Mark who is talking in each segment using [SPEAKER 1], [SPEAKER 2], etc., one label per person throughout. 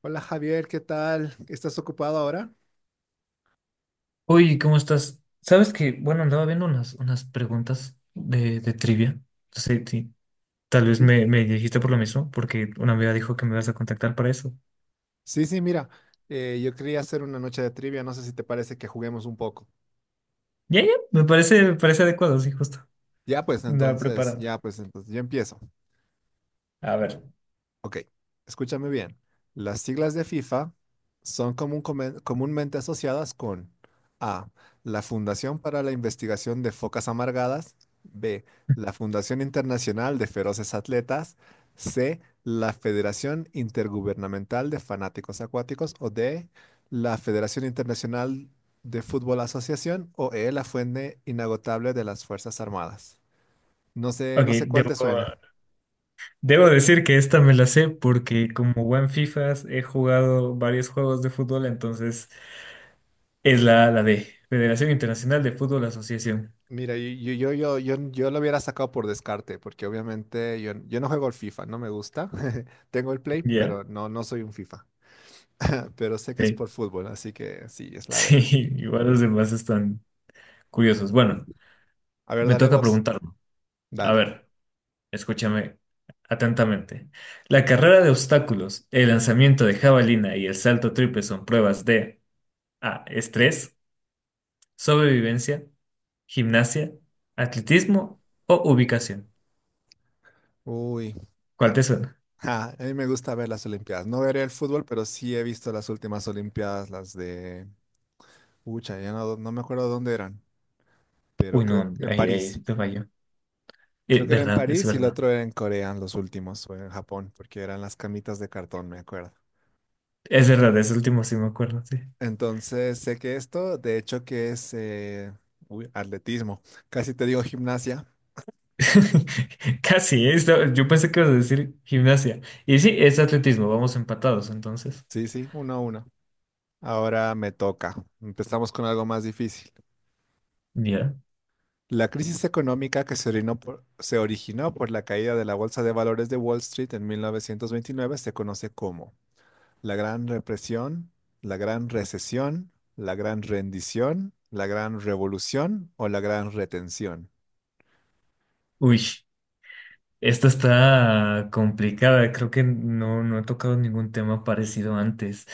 [SPEAKER 1] Hola Javier, ¿qué tal? ¿Estás ocupado ahora?
[SPEAKER 2] Oye, ¿cómo estás? Sabes que, bueno, andaba viendo unas preguntas de trivia. Sí, sí. Tal vez
[SPEAKER 1] Sí,
[SPEAKER 2] me dijiste por lo mismo, porque una amiga dijo que me vas a contactar para eso.
[SPEAKER 1] sí, sí, mira, yo quería hacer una noche de trivia, no sé si te parece que juguemos un poco.
[SPEAKER 2] Ya, ya, me parece adecuado, sí, justo. Andaba preparando.
[SPEAKER 1] Ya pues entonces, yo empiezo.
[SPEAKER 2] A ver.
[SPEAKER 1] Ok, escúchame bien. Las siglas de FIFA son comúnmente asociadas con A, la Fundación para la Investigación de Focas Amargadas; B, la Fundación Internacional de Feroces Atletas; C, la Federación Intergubernamental de Fanáticos Acuáticos; o D, la Federación Internacional de Fútbol Asociación; o E, la Fuente Inagotable de las Fuerzas Armadas. No sé,
[SPEAKER 2] Ok,
[SPEAKER 1] no sé cuál
[SPEAKER 2] debo,
[SPEAKER 1] te suena.
[SPEAKER 2] debo decir que esta me la sé porque como buen FIFAs he jugado varios juegos de fútbol, entonces es la de Federación Internacional de Fútbol Asociación.
[SPEAKER 1] Mira, yo, yo lo hubiera sacado por descarte, porque obviamente yo, yo no juego al FIFA, no me gusta. Tengo el Play,
[SPEAKER 2] Ya,
[SPEAKER 1] pero no, no soy un FIFA. Ah, pero sé que es
[SPEAKER 2] sí.
[SPEAKER 1] por fútbol, así que sí, es la
[SPEAKER 2] Sí,
[SPEAKER 1] de.
[SPEAKER 2] igual los demás están curiosos. Bueno.
[SPEAKER 1] A ver,
[SPEAKER 2] Me
[SPEAKER 1] dale
[SPEAKER 2] toca
[SPEAKER 1] vos.
[SPEAKER 2] preguntarlo. A
[SPEAKER 1] Dale.
[SPEAKER 2] ver, escúchame atentamente. La carrera de obstáculos, el lanzamiento de jabalina y el salto triple son pruebas de A. Estrés, sobrevivencia, gimnasia, atletismo o ubicación.
[SPEAKER 1] Uy,
[SPEAKER 2] ¿Cuál te suena?
[SPEAKER 1] ah, a mí me gusta ver las Olimpiadas. No veré el fútbol, pero sí he visto las últimas Olimpiadas, las de Ucha, ya no, no me acuerdo dónde eran, pero
[SPEAKER 2] Uy,
[SPEAKER 1] creo
[SPEAKER 2] no,
[SPEAKER 1] que en
[SPEAKER 2] ahí
[SPEAKER 1] París.
[SPEAKER 2] sí te falló.
[SPEAKER 1] Creo que era en
[SPEAKER 2] Verdad, es
[SPEAKER 1] París y el
[SPEAKER 2] verdad.
[SPEAKER 1] otro era en Corea, los últimos, o en Japón, porque eran las camitas de cartón, me acuerdo.
[SPEAKER 2] Es verdad, es último sí me acuerdo, sí.
[SPEAKER 1] Entonces sé que esto, de hecho, que es uy, atletismo. Casi te digo gimnasia.
[SPEAKER 2] Casi, yo pensé que ibas a decir gimnasia. Y sí, es atletismo, vamos empatados entonces.
[SPEAKER 1] Sí, sí, uno a uno. Ahora me toca. Empezamos con algo más difícil.
[SPEAKER 2] Ya.
[SPEAKER 1] La crisis económica que se originó por la caída de la Bolsa de Valores de Wall Street en 1929 se conoce como la Gran Represión, la Gran Recesión, la Gran Rendición, la Gran Revolución o la Gran Retención.
[SPEAKER 2] Uy. Esta está complicada, creo que no he tocado ningún tema parecido antes.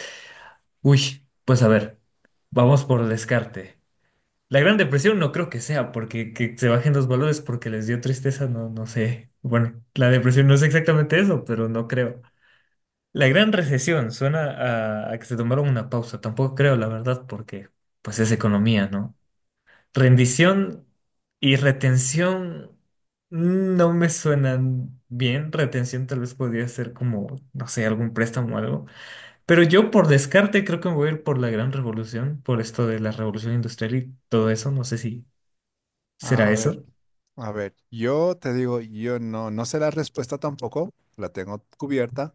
[SPEAKER 2] Uy, pues a ver, vamos por descarte. La Gran Depresión no creo que sea, porque que se bajen los valores porque les dio tristeza, no, no sé. Bueno, la depresión no es exactamente eso, pero no creo. La Gran Recesión suena a que se tomaron una pausa, tampoco creo, la verdad, porque pues es economía, ¿no? Rendición y retención no me suenan bien. Retención tal vez podría ser como, no sé, algún préstamo o algo. Pero yo por descarte creo que me voy a ir por la gran revolución, por esto de la revolución industrial y todo eso. No sé si será
[SPEAKER 1] A ver.
[SPEAKER 2] eso.
[SPEAKER 1] A ver, yo te digo, yo no, no sé la respuesta tampoco, la tengo cubierta,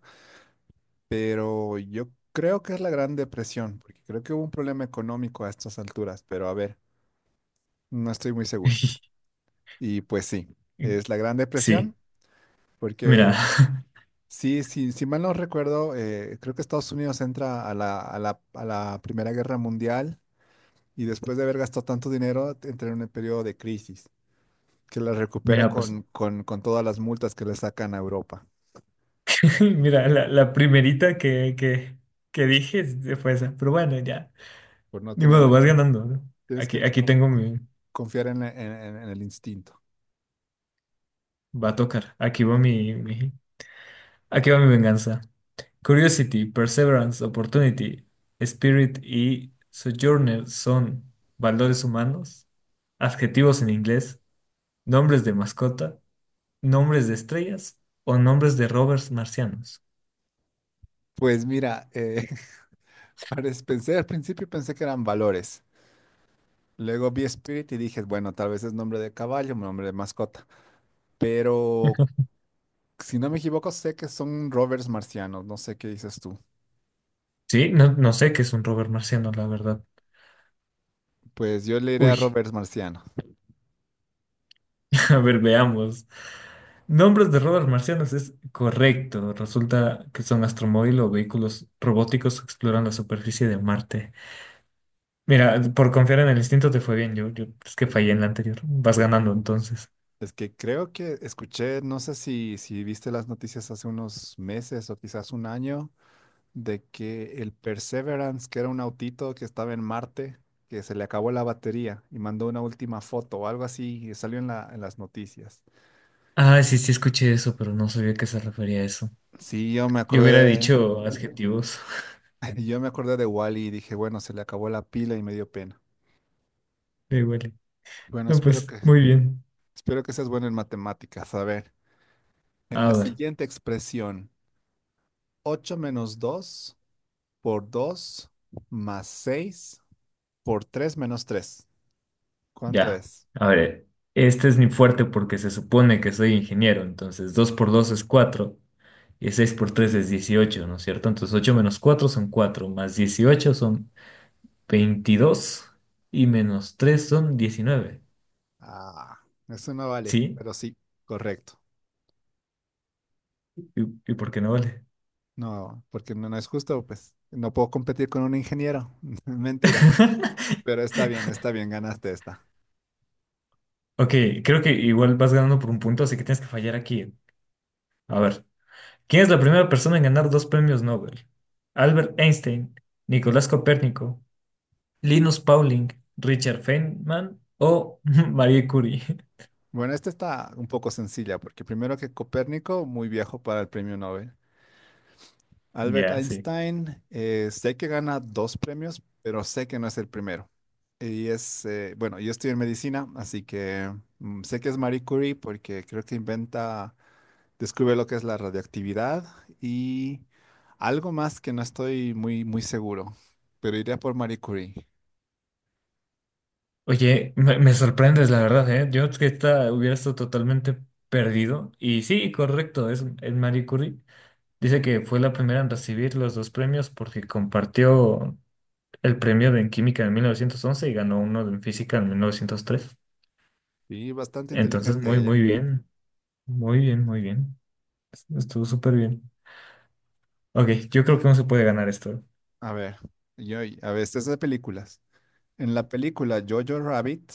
[SPEAKER 1] pero yo creo que es la Gran Depresión, porque creo que hubo un problema económico a estas alturas, pero a ver, no estoy muy seguro. Y pues sí, es la Gran
[SPEAKER 2] Sí,
[SPEAKER 1] Depresión, porque
[SPEAKER 2] mira,
[SPEAKER 1] sí, sí, si mal no recuerdo, creo que Estados Unidos entra a la Primera Guerra Mundial y después de haber gastado tanto dinero, entra en un periodo de crisis, que la recupera
[SPEAKER 2] mira, pues,
[SPEAKER 1] con, con todas las multas que le sacan a Europa.
[SPEAKER 2] mira, la primerita que dije fue esa. Pero bueno, ya,
[SPEAKER 1] Por no
[SPEAKER 2] ni modo,
[SPEAKER 1] tenerle
[SPEAKER 2] vas
[SPEAKER 1] fe.
[SPEAKER 2] ganando, ¿no?
[SPEAKER 1] Tienes que
[SPEAKER 2] Aquí tengo mi,
[SPEAKER 1] confiar en, en el instinto.
[SPEAKER 2] va a tocar, aquí va mi, aquí va mi venganza. Curiosity, Perseverance, Opportunity, Spirit y Sojourner son valores humanos, adjetivos en inglés, nombres de mascota, nombres de estrellas o nombres de rovers marcianos.
[SPEAKER 1] Pues mira, pensé, al principio pensé que eran valores. Luego vi Spirit y dije, bueno, tal vez es nombre de caballo, nombre de mascota. Pero si no me equivoco, sé que son rovers marcianos. No sé qué dices tú.
[SPEAKER 2] Sí, no, no sé qué es un rover marciano, la verdad.
[SPEAKER 1] Pues yo le iré a
[SPEAKER 2] Uy,
[SPEAKER 1] rovers marcianos.
[SPEAKER 2] a ver, veamos. Nombres de rovers marcianos es correcto. Resulta que son astromóvil o vehículos robóticos que exploran la superficie de Marte. Mira, por confiar en el instinto te fue bien. Yo es que fallé en la anterior. Vas ganando entonces.
[SPEAKER 1] Es que creo que escuché, no sé si, si viste las noticias hace unos meses o quizás un año, de que el Perseverance, que era un autito que estaba en Marte, que se le acabó la batería y mandó una última foto o algo así y salió en la, en las noticias.
[SPEAKER 2] Ah, sí, sí escuché eso, pero no sabía a qué se refería eso.
[SPEAKER 1] Sí, yo me
[SPEAKER 2] Yo hubiera
[SPEAKER 1] acordé de,
[SPEAKER 2] dicho adjetivos.
[SPEAKER 1] yo me acordé de Wally y dije, bueno, se le acabó la pila y me dio pena.
[SPEAKER 2] Me huele.
[SPEAKER 1] Bueno,
[SPEAKER 2] No,
[SPEAKER 1] espero
[SPEAKER 2] pues,
[SPEAKER 1] que,
[SPEAKER 2] muy bien.
[SPEAKER 1] Espero que seas bueno en matemáticas. A ver, en
[SPEAKER 2] A
[SPEAKER 1] la
[SPEAKER 2] ver,
[SPEAKER 1] siguiente expresión, 8 menos 2 por 2 más 6 por 3 menos tres, ¿cuánto
[SPEAKER 2] ya.
[SPEAKER 1] es?
[SPEAKER 2] A ver, este es mi fuerte porque se supone que soy ingeniero. Entonces, 2 por 2 es 4 y 6 por 3 es 18, ¿no es cierto? Entonces, 8 menos 4 son 4 más 18 son 22 y menos 3 son 19.
[SPEAKER 1] Ah, eso no vale,
[SPEAKER 2] ¿Sí?
[SPEAKER 1] pero sí, correcto.
[SPEAKER 2] ¿Y por qué no vale?
[SPEAKER 1] No, porque no, no es justo, pues no puedo competir con un ingeniero. Mentira, pero está bien, ganaste esta.
[SPEAKER 2] Ok, creo que igual vas ganando por un punto, así que tienes que fallar aquí. A ver, ¿quién es la primera persona en ganar dos premios Nobel? ¿Albert Einstein, Nicolás Copérnico, Linus Pauling, Richard Feynman o Marie Curie?
[SPEAKER 1] Bueno, esta está un poco sencilla, porque primero que Copérnico, muy viejo para el premio Nobel. Albert
[SPEAKER 2] Ya, sí.
[SPEAKER 1] Einstein, sé que gana dos premios, pero sé que no es el primero. Y es, bueno, yo estoy en medicina, así que mm, sé que es Marie Curie porque creo que inventa, descubre lo que es la radioactividad y algo más que no estoy muy, muy seguro, pero iría por Marie Curie.
[SPEAKER 2] Oye, me sorprendes, la verdad, ¿eh? Yo es que esta hubiera estado totalmente perdido. Y sí, correcto, es Marie Curie. Dice que fue la primera en recibir los dos premios porque compartió el premio de en química en 1911 y ganó uno en física en 1903.
[SPEAKER 1] Y bastante
[SPEAKER 2] Entonces,
[SPEAKER 1] inteligente
[SPEAKER 2] muy,
[SPEAKER 1] ella.
[SPEAKER 2] muy bien. Muy bien, muy bien. Estuvo súper bien. Ok, yo creo que no se puede ganar esto.
[SPEAKER 1] A ver, yo, a ver, esta es de películas. En la película Jojo Rabbit,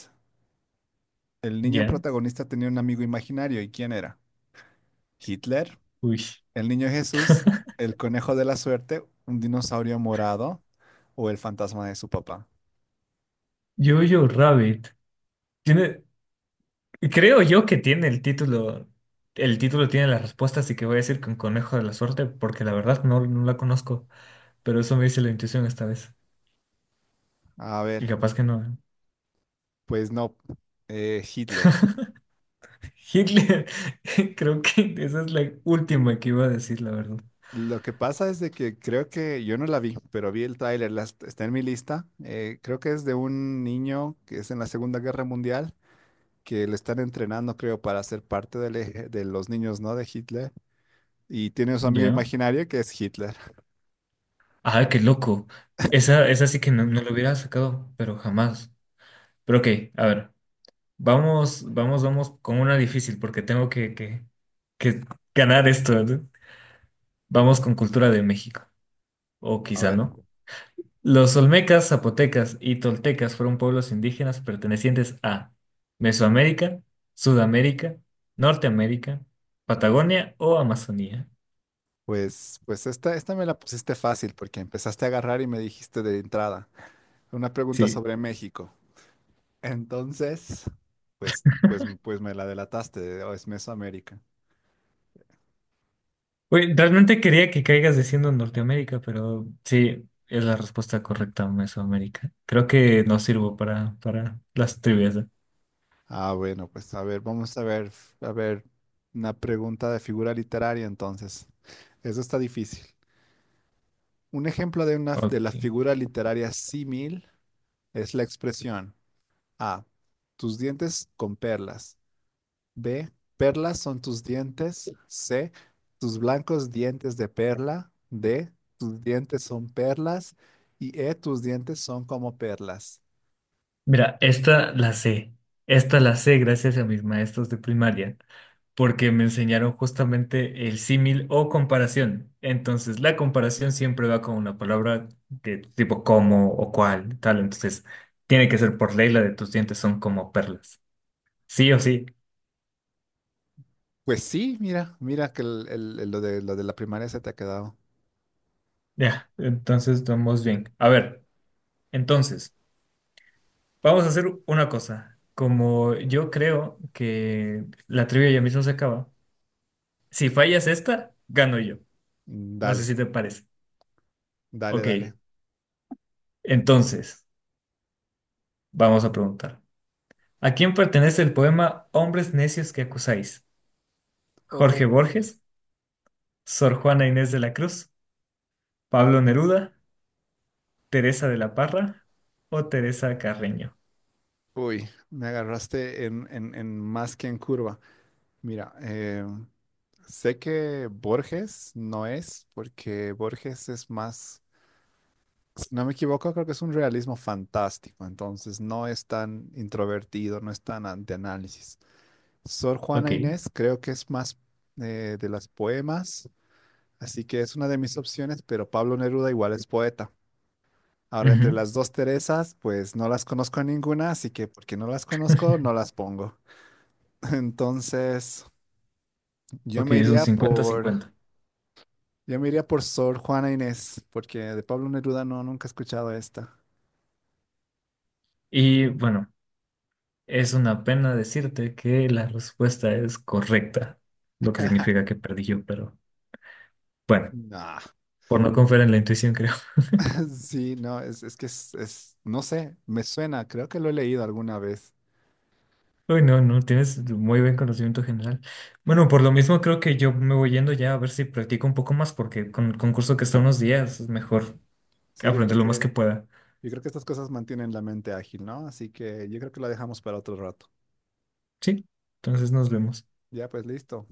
[SPEAKER 1] el niño
[SPEAKER 2] Ya.
[SPEAKER 1] protagonista tenía un amigo imaginario. ¿Y quién era? ¿Hitler?
[SPEAKER 2] Uy.
[SPEAKER 1] ¿El niño Jesús? ¿El conejo de la suerte? ¿Un dinosaurio morado? ¿O el fantasma de su papá?
[SPEAKER 2] Jojo Rabbit. Tiene, creo yo que tiene el título. El título tiene las respuestas, así que voy a decir con conejo de la suerte, porque la verdad no, no la conozco. Pero eso me dice la intuición esta vez.
[SPEAKER 1] A
[SPEAKER 2] Y
[SPEAKER 1] ver,
[SPEAKER 2] capaz que no. ¿Eh?
[SPEAKER 1] pues no, Hitler.
[SPEAKER 2] Hitler. Creo que esa es la última que iba a decir, la verdad.
[SPEAKER 1] Lo que pasa es de que creo que yo no la vi, pero vi el tráiler, está en mi lista. Creo que es de un niño que es en la Segunda Guerra Mundial, que le están entrenando, creo, para ser parte de los niños, ¿no? De Hitler. Y tiene a su amigo
[SPEAKER 2] Ya.
[SPEAKER 1] imaginario que es Hitler.
[SPEAKER 2] Ah, qué loco. Esa sí que no, no lo hubiera sacado, pero jamás. Pero ok, a ver, vamos, vamos, vamos con una difícil porque tengo que ganar esto, ¿no? Vamos con cultura de México, o
[SPEAKER 1] A
[SPEAKER 2] quizá
[SPEAKER 1] ver,
[SPEAKER 2] no. Los olmecas, zapotecas y toltecas fueron pueblos indígenas pertenecientes a Mesoamérica, Sudamérica, Norteamérica, Patagonia o Amazonía.
[SPEAKER 1] pues, pues esta me la pusiste fácil porque empezaste a agarrar y me dijiste de entrada una pregunta
[SPEAKER 2] Sí.
[SPEAKER 1] sobre México. Entonces, pues, pues, pues me la delataste, o es Mesoamérica.
[SPEAKER 2] Güey, realmente quería que caigas diciendo Norteamérica, pero sí, es la respuesta correcta, Mesoamérica. Creo que no sirvo para las trivias, ¿eh?
[SPEAKER 1] Ah, bueno, pues a ver, vamos a ver, una pregunta de figura literaria entonces. Eso está difícil. Un ejemplo de una de la
[SPEAKER 2] Ok.
[SPEAKER 1] figura literaria símil es la expresión A, tus dientes con perlas; B, perlas son tus dientes; C, tus blancos dientes de perla; D, tus dientes son perlas; y E, tus dientes son como perlas.
[SPEAKER 2] Mira, esta la sé. Esta la sé gracias a mis maestros de primaria, porque me enseñaron justamente el símil o comparación. Entonces, la comparación siempre va con una palabra de tipo como o cual, tal. Entonces, tiene que ser por ley la de tus dientes son como perlas. Sí o sí.
[SPEAKER 1] Pues sí, mira, mira que lo de la primaria se te ha quedado.
[SPEAKER 2] Ya, entonces vamos bien. A ver, entonces, vamos a hacer una cosa. Como yo creo que la trivia ya mismo se acaba, si fallas esta, gano yo. No sé
[SPEAKER 1] Dale.
[SPEAKER 2] si te parece.
[SPEAKER 1] Dale, dale.
[SPEAKER 2] Ok, entonces, vamos a preguntar. ¿A quién pertenece el poema Hombres necios que acusáis? ¿Jorge
[SPEAKER 1] Uy,
[SPEAKER 2] Borges, Sor Juana Inés de la Cruz, Pablo Neruda, Teresa de la Parra o Teresa Carreño?
[SPEAKER 1] uy, me agarraste en, en más que en curva. Mira, sé que Borges no es, porque Borges es más, si no me equivoco, creo que es un realismo fantástico, entonces no es tan introvertido, no es tan de análisis. Sor Juana
[SPEAKER 2] Ok.
[SPEAKER 1] Inés creo que es más de las poemas, así que es una de mis opciones, pero Pablo Neruda igual es poeta. Ahora, entre
[SPEAKER 2] Ujú.
[SPEAKER 1] las dos Teresas, pues no las conozco a ninguna, así que porque no las conozco, no las pongo. Entonces, yo
[SPEAKER 2] Ok,
[SPEAKER 1] me
[SPEAKER 2] es un
[SPEAKER 1] iría por,
[SPEAKER 2] cincuenta-cincuenta.
[SPEAKER 1] yo me iría por Sor Juana Inés, porque de Pablo Neruda no, nunca he escuchado esta.
[SPEAKER 2] Y bueno. Es una pena decirte que la respuesta es correcta, lo que significa que perdí yo, pero bueno,
[SPEAKER 1] Nah.
[SPEAKER 2] por no confiar en la intuición, creo.
[SPEAKER 1] Sí, no, es que es, no sé, me suena, creo que lo he leído alguna vez.
[SPEAKER 2] Uy, no, no, tienes muy buen conocimiento general. Bueno, por lo mismo creo que yo me voy yendo ya a ver si practico un poco más, porque con el concurso que está unos días es mejor
[SPEAKER 1] Sí, yo creo
[SPEAKER 2] aprender lo más
[SPEAKER 1] que,
[SPEAKER 2] que pueda.
[SPEAKER 1] yo creo que estas cosas mantienen la mente ágil, ¿no? Así que yo creo que la dejamos para otro rato.
[SPEAKER 2] Sí, entonces nos vemos.
[SPEAKER 1] Ya, pues listo.